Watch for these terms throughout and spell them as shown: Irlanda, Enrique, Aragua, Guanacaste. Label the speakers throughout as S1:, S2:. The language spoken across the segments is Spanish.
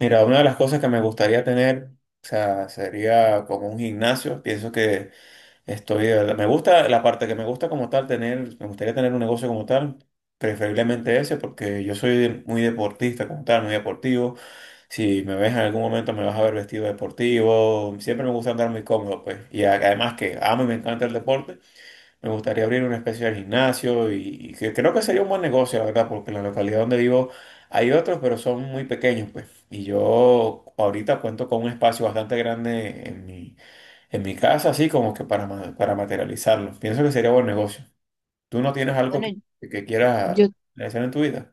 S1: Mira, una de las cosas que me gustaría tener, o sea, sería como un gimnasio. Pienso que estoy, me gusta la parte que me gusta como tal tener, me gustaría tener un negocio como tal, preferiblemente ese, porque yo soy muy deportista como tal, muy deportivo. Si me ves en algún momento me vas a ver vestido deportivo. Siempre me gusta andar muy cómodo, pues. Y además que amo y me encanta el deporte. Me gustaría abrir una especie de gimnasio y que creo que sería un buen negocio, la verdad, porque en la localidad donde vivo hay otros, pero son muy pequeños, pues. Y yo ahorita cuento con un espacio bastante grande en mi casa, así como que para materializarlo. Pienso que sería buen negocio. ¿Tú no tienes algo
S2: Bueno,
S1: que quieras
S2: yo,
S1: realizar en tu vida?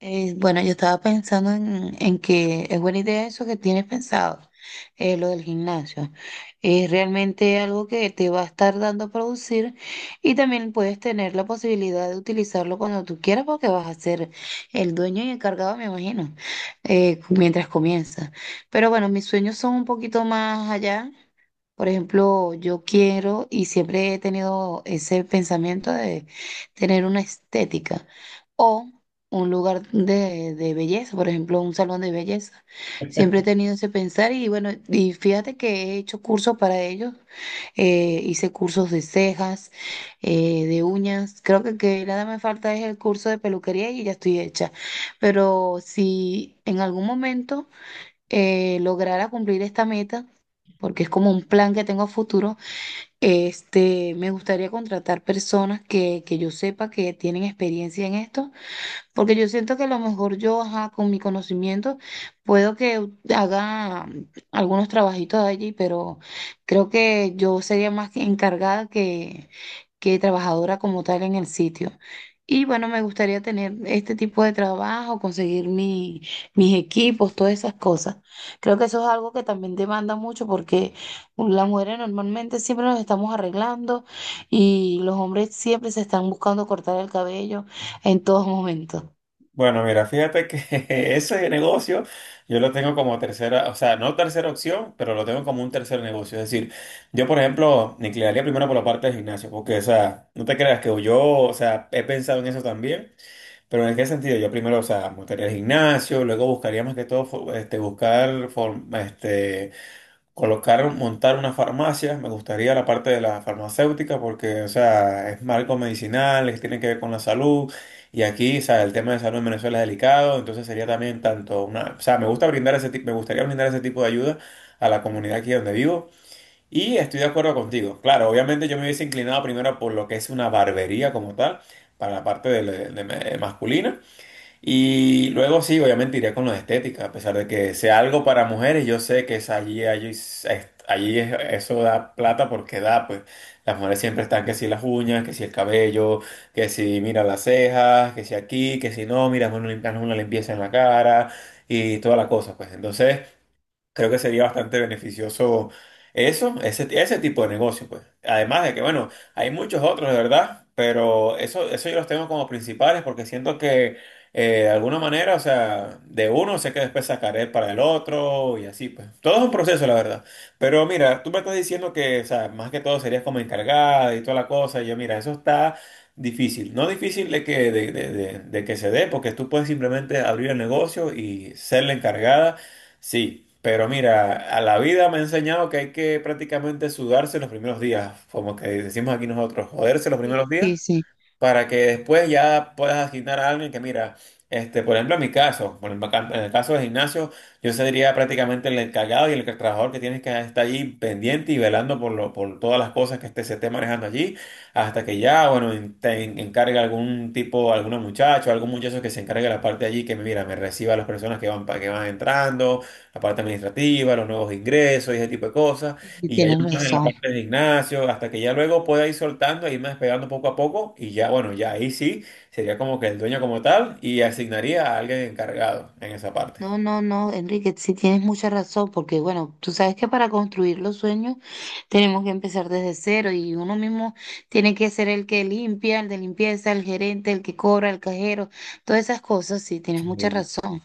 S2: bueno, yo estaba pensando en que es buena idea eso que tienes pensado, lo del gimnasio. Es realmente algo que te va a estar dando a producir y también puedes tener la posibilidad de utilizarlo cuando tú quieras porque vas a ser el dueño y encargado, me imagino, mientras comienzas. Pero bueno, mis sueños son un poquito más allá. Por ejemplo, yo quiero y siempre he tenido ese pensamiento de tener una estética o un lugar de belleza, por ejemplo, un salón de belleza. Siempre he tenido ese pensar y bueno, y fíjate que he hecho cursos para ellos. Hice cursos de cejas, de uñas. Creo que nada me falta es el curso de peluquería y ya estoy hecha. Pero si en algún momento lograra cumplir esta meta, porque es como un plan que tengo a futuro, me gustaría contratar personas que yo sepa que tienen experiencia en esto porque yo siento que a lo mejor yo, ajá, con mi conocimiento, puedo que haga algunos trabajitos allí, pero creo que yo sería más que encargada que trabajadora como tal en el sitio. Y bueno, me gustaría tener este tipo de trabajo, conseguir mi, mis equipos, todas esas cosas. Creo que eso es algo que también demanda mucho porque las mujeres normalmente siempre nos estamos arreglando y los hombres siempre se están buscando cortar el cabello en todos momentos.
S1: Bueno, mira, fíjate que ese negocio yo lo tengo como tercera, o sea, no tercera opción, pero lo tengo como un tercer negocio. Es decir, yo, por ejemplo, me inclinaría primero por la parte del gimnasio, porque, o sea, no te creas que yo, o sea, he pensado en eso también, pero en qué sentido, yo primero, o sea, montaría el gimnasio, luego buscaría más que todo, buscar, colocar, montar una farmacia, me gustaría la parte de la farmacéutica porque, o sea, es marco medicinal, es- tiene que ver con la salud y aquí, o sea, el tema de salud en Venezuela es delicado, entonces sería también tanto una, o sea, me gusta brindar ese tipo, me gustaría brindar ese tipo de ayuda a la comunidad aquí donde vivo y estoy de acuerdo contigo. Claro, obviamente yo me hubiese inclinado primero por lo que es una barbería como tal, para la parte de masculina. Y luego sí, obviamente iría con lo de estética, a pesar de que sea algo para mujeres, yo sé que es eso da plata porque da, pues las mujeres siempre están que si las uñas, que si el cabello, que si mira las cejas, que si aquí, que si no, mira, hazme una limpieza en la cara y toda la cosa, pues entonces... Creo que sería bastante beneficioso ese tipo de negocio, pues. Además de que, bueno, hay muchos otros, de verdad, pero eso yo los tengo como principales porque siento que de alguna manera, o sea, de uno sé que después sacaré para el otro y así, pues. Todo es un proceso, la verdad. Pero mira, tú me estás diciendo que, o sea, más que todo serías como encargada y toda la cosa. Y yo, mira, eso está difícil. No difícil de que se dé, porque tú puedes simplemente abrir el negocio y ser la encargada. Sí, pero mira, a la vida me ha enseñado que hay que prácticamente sudarse los primeros días, como que decimos aquí nosotros, joderse los
S2: Sí,
S1: primeros días
S2: sí, sí,
S1: para que después ya puedas asignar a alguien que, mira, este, por ejemplo, en mi caso, en el caso del gimnasio, yo sería prácticamente el encargado y el trabajador que tienes que estar allí pendiente y velando por todas las cosas que este, se esté manejando allí, hasta que ya, bueno, encargue algún muchacho que se encargue de la parte allí, que mira, me reciba a las personas que van, que van entrando, la parte administrativa, los nuevos ingresos y ese tipo de cosas.
S2: sí,
S1: Y hay
S2: tienes
S1: unos en la
S2: razón.
S1: parte de gimnasio, hasta que ya luego pueda ir soltando, e irme despegando poco a poco, y ya, bueno, ya ahí sí sería como que el dueño como tal y asignaría a alguien encargado en esa parte.
S2: No, no, no, Enrique, sí tienes mucha razón, porque bueno, tú sabes que para construir los sueños tenemos que empezar desde cero y uno mismo tiene que ser el que limpia, el de limpieza, el gerente, el que cobra, el cajero, todas esas cosas, sí, tienes
S1: Sí.
S2: mucha razón.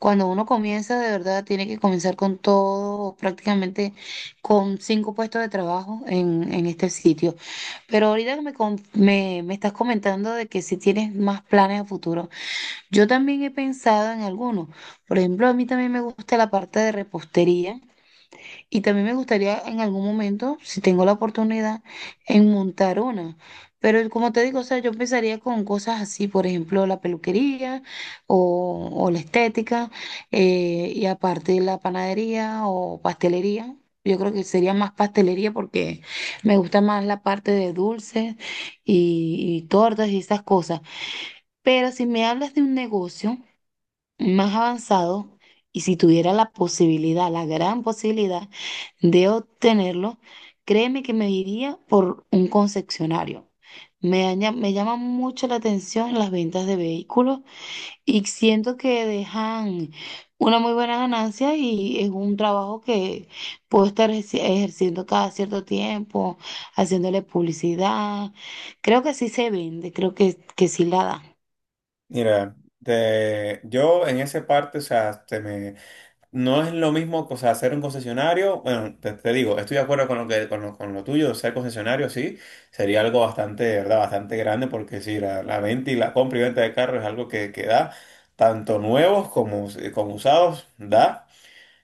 S2: Cuando uno comienza, de verdad, tiene que comenzar con todo, prácticamente con 5 puestos de trabajo en este sitio. Pero ahorita que me, me, me estás comentando de que si tienes más planes a futuro. Yo también he pensado en algunos. Por ejemplo, a mí también me gusta la parte de repostería y también me gustaría en algún momento, si tengo la oportunidad, en montar una. Pero como te digo, o sea, yo empezaría con cosas así, por ejemplo, la peluquería o la estética, y aparte la panadería o pastelería. Yo creo que sería más pastelería porque me gusta más la parte de dulces y tortas y esas cosas. Pero si me hablas de un negocio más avanzado y si tuviera la posibilidad, la gran posibilidad de obtenerlo, créeme que me iría por un concesionario. Me llama mucho la atención las ventas de vehículos y siento que dejan una muy buena ganancia y es un trabajo que puedo estar ejerciendo cada cierto tiempo, haciéndole publicidad. Creo que sí se vende, creo que sí la da.
S1: Mira, yo en esa parte, o sea, no es lo mismo, o sea, ser un concesionario, bueno, te digo, estoy de acuerdo con lo que, con lo tuyo, ser concesionario, sí, sería algo bastante, de ¿verdad? Bastante grande, porque sí, la venta y la compra y venta de carros es algo que da, tanto nuevos como usados, da.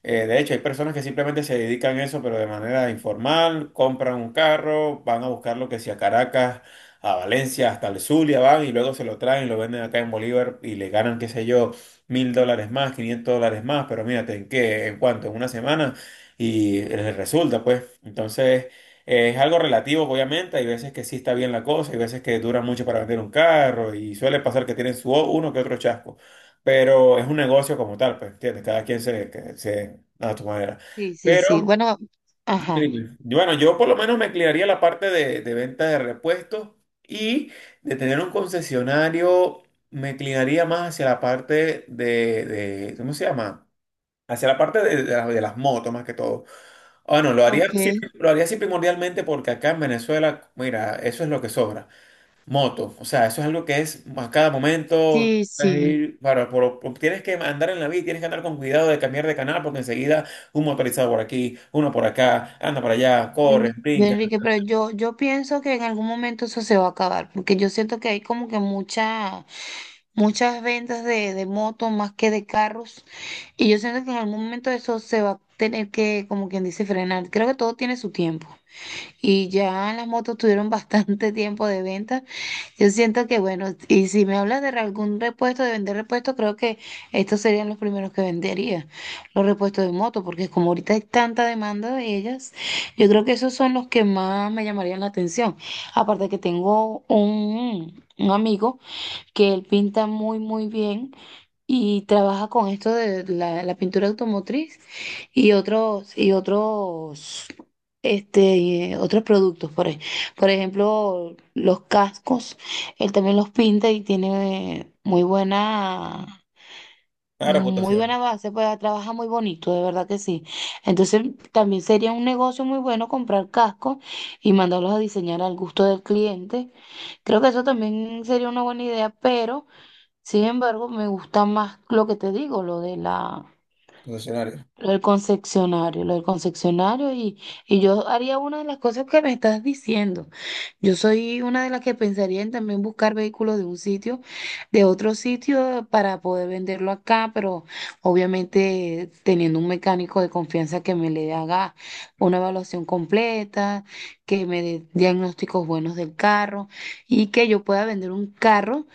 S1: De hecho, hay personas que simplemente se dedican a eso, pero de manera informal, compran un carro, van a buscar lo que sea a Caracas, a Valencia, hasta el Zulia van y luego se lo traen, lo venden acá en Bolívar y le ganan, qué sé yo, $1.000 más, $500 más, pero mírate, ¿en qué? ¿En cuánto? En una semana y les resulta, pues. Entonces, es algo relativo, obviamente. Hay veces que sí está bien la cosa, hay veces que dura mucho para vender un carro y suele pasar que tienen su uno que otro chasco, pero es un negocio como tal, pues, ¿entiendes? Cada quien se a su manera.
S2: Sí, sí, sí.
S1: Pero,
S2: Bueno,
S1: dime,
S2: ajá.
S1: dime. Bueno, yo por lo menos me inclinaría a la parte de venta de repuestos y de tener un concesionario, me inclinaría más hacia la parte ¿cómo se llama? Hacia la parte de las motos más que todo. Bueno, lo
S2: Ok.
S1: lo haría así primordialmente porque acá en Venezuela, mira, eso es lo que sobra. Moto, o sea, eso es algo que es a cada momento,
S2: Sí,
S1: tienes que
S2: sí.
S1: ir- para, por- tienes que andar en la vida, tienes que andar con cuidado de cambiar de canal porque enseguida un motorizado por aquí, uno por acá, anda para allá,
S2: Mm,
S1: corren, brincan,
S2: Enrique, pero yo pienso que en algún momento eso se va a acabar, porque yo siento que hay como que mucha, muchas ventas de motos más que de carros, y yo siento que en algún momento eso se va a tener que, como quien dice, frenar. Creo que todo tiene su tiempo. Y ya las motos tuvieron bastante tiempo de venta. Yo siento que, bueno, y si me hablas de algún repuesto, de vender repuestos, creo que estos serían los primeros que vendería, los repuestos de moto, porque como ahorita hay tanta demanda de ellas, yo creo que esos son los que más me llamarían la atención. Aparte que tengo un amigo que él pinta muy, muy bien y trabaja con esto de la, la pintura automotriz y otros otros productos por ejemplo los cascos, él también los pinta y tiene muy buena,
S1: claro,
S2: muy
S1: votación,
S2: buena base, pues trabaja muy bonito, de verdad que sí. Entonces también sería un negocio muy bueno comprar cascos y mandarlos a diseñar al gusto del cliente. Creo que eso también sería una buena idea, pero sin embargo, me gusta más lo que te digo, lo de la,
S1: concesionario,
S2: lo del concesionario y yo haría una de las cosas que me estás diciendo. Yo soy una de las que pensaría en también buscar vehículos de un sitio, de otro sitio para poder venderlo acá, pero obviamente teniendo un mecánico de confianza que me le haga una evaluación completa, que me dé diagnósticos buenos del carro y que yo pueda vender un carro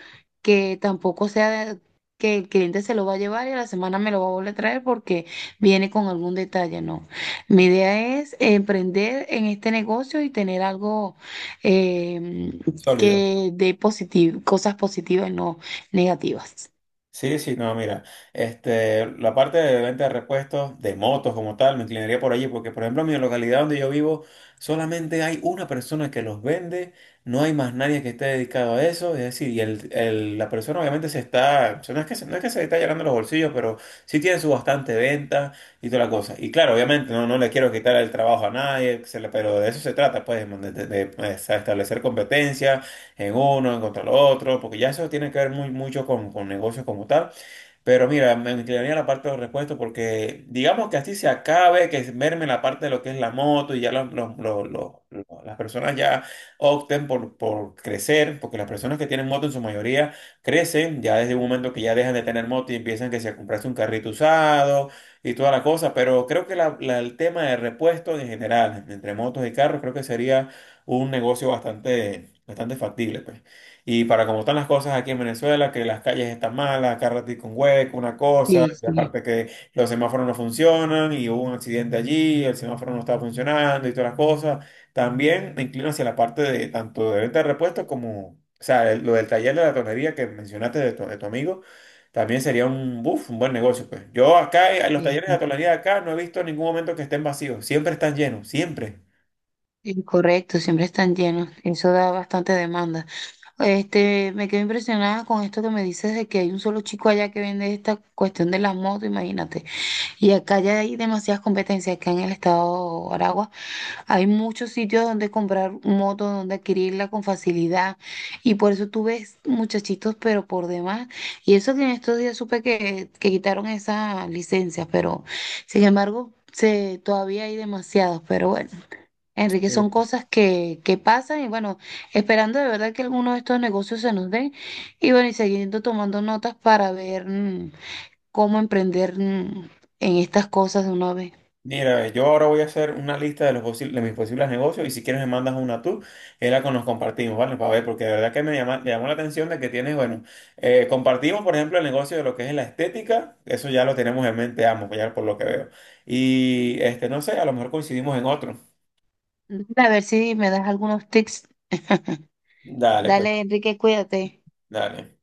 S2: que tampoco sea de- que el cliente se lo va a llevar y a la semana me lo va a volver a traer porque viene con algún detalle, no. Mi idea es emprender en este negocio y tener algo em,
S1: sólido.
S2: que dé positivo, cosas positivas, no negativas.
S1: Sí, sí, no, mira, este, la parte de venta de repuestos de motos como tal, me inclinaría por allí, porque por ejemplo en mi localidad donde yo vivo, solamente hay una persona que los vende, no hay más nadie que esté dedicado a eso, es decir, y la persona obviamente se está, o sea, no es que se, no es que se está llenando los bolsillos, pero sí tiene su bastante venta y toda la cosa. Y claro, obviamente no, no le quiero quitar el trabajo a nadie, pero de eso se trata, pues, de establecer competencia en uno, en contra el otro, porque ya eso tiene que ver mucho con negocios como tal. Pero mira, me inclinaría a la parte de los repuestos porque digamos que así se acabe, que se merme la parte de lo que es la moto y ya las personas ya opten por crecer, porque las personas que tienen moto en su mayoría crecen ya desde un momento que ya dejan de tener moto y empiezan que se a comprarse un carrito usado y toda la cosa, pero creo que el tema de repuestos en general, entre motos y carros, creo que sería un negocio bastante, bastante factible, pues. Y para como están las cosas aquí en Venezuela, que las calles están malas, cada ratito un hueco, una cosa,
S2: Sí,
S1: y
S2: sí,
S1: aparte que los semáforos no funcionan, y hubo un accidente allí, el semáforo no estaba funcionando y todas las cosas, también me inclino hacia la parte de tanto de venta de repuestos como, o sea, el- lo del taller de la tonería que mencionaste de tu amigo, también sería un, buf, un buen negocio, pues. Yo acá, en los
S2: sí,
S1: talleres de la
S2: sí.
S1: tonería de acá, no he visto en ningún momento que estén vacíos, siempre están llenos, siempre.
S2: Sí, correcto, siempre están llenos. Eso da bastante demanda. Este, me quedo impresionada con esto que me dices de que hay un solo chico allá que vende esta cuestión de las motos, imagínate. Y acá ya hay demasiadas competencias, acá en el estado de Aragua hay muchos sitios donde comprar moto, donde adquirirla con facilidad y por eso tú ves muchachitos, pero por demás. Y eso que en estos días supe que quitaron esas licencias, pero sin embargo se, todavía hay demasiados, pero bueno. Enrique, son cosas que pasan y bueno, esperando de verdad que alguno de estos negocios se nos den y bueno, y siguiendo tomando notas para ver cómo emprender en estas cosas de una vez.
S1: Mira, yo ahora voy a hacer una lista de los posibles, de mis posibles negocios y si quieres me mandas una tú, y nos compartimos, ¿vale? Para ver, porque de verdad que me llamó la atención de que tienes, bueno, compartimos, por ejemplo, el negocio de lo que es la estética, eso ya lo tenemos en mente ambos, ya por lo que veo. Y este, no sé, a lo mejor coincidimos en otro.
S2: Dale, a ver si me das algunos tips.
S1: Dale, pues,
S2: Dale, Enrique, cuídate.
S1: dale.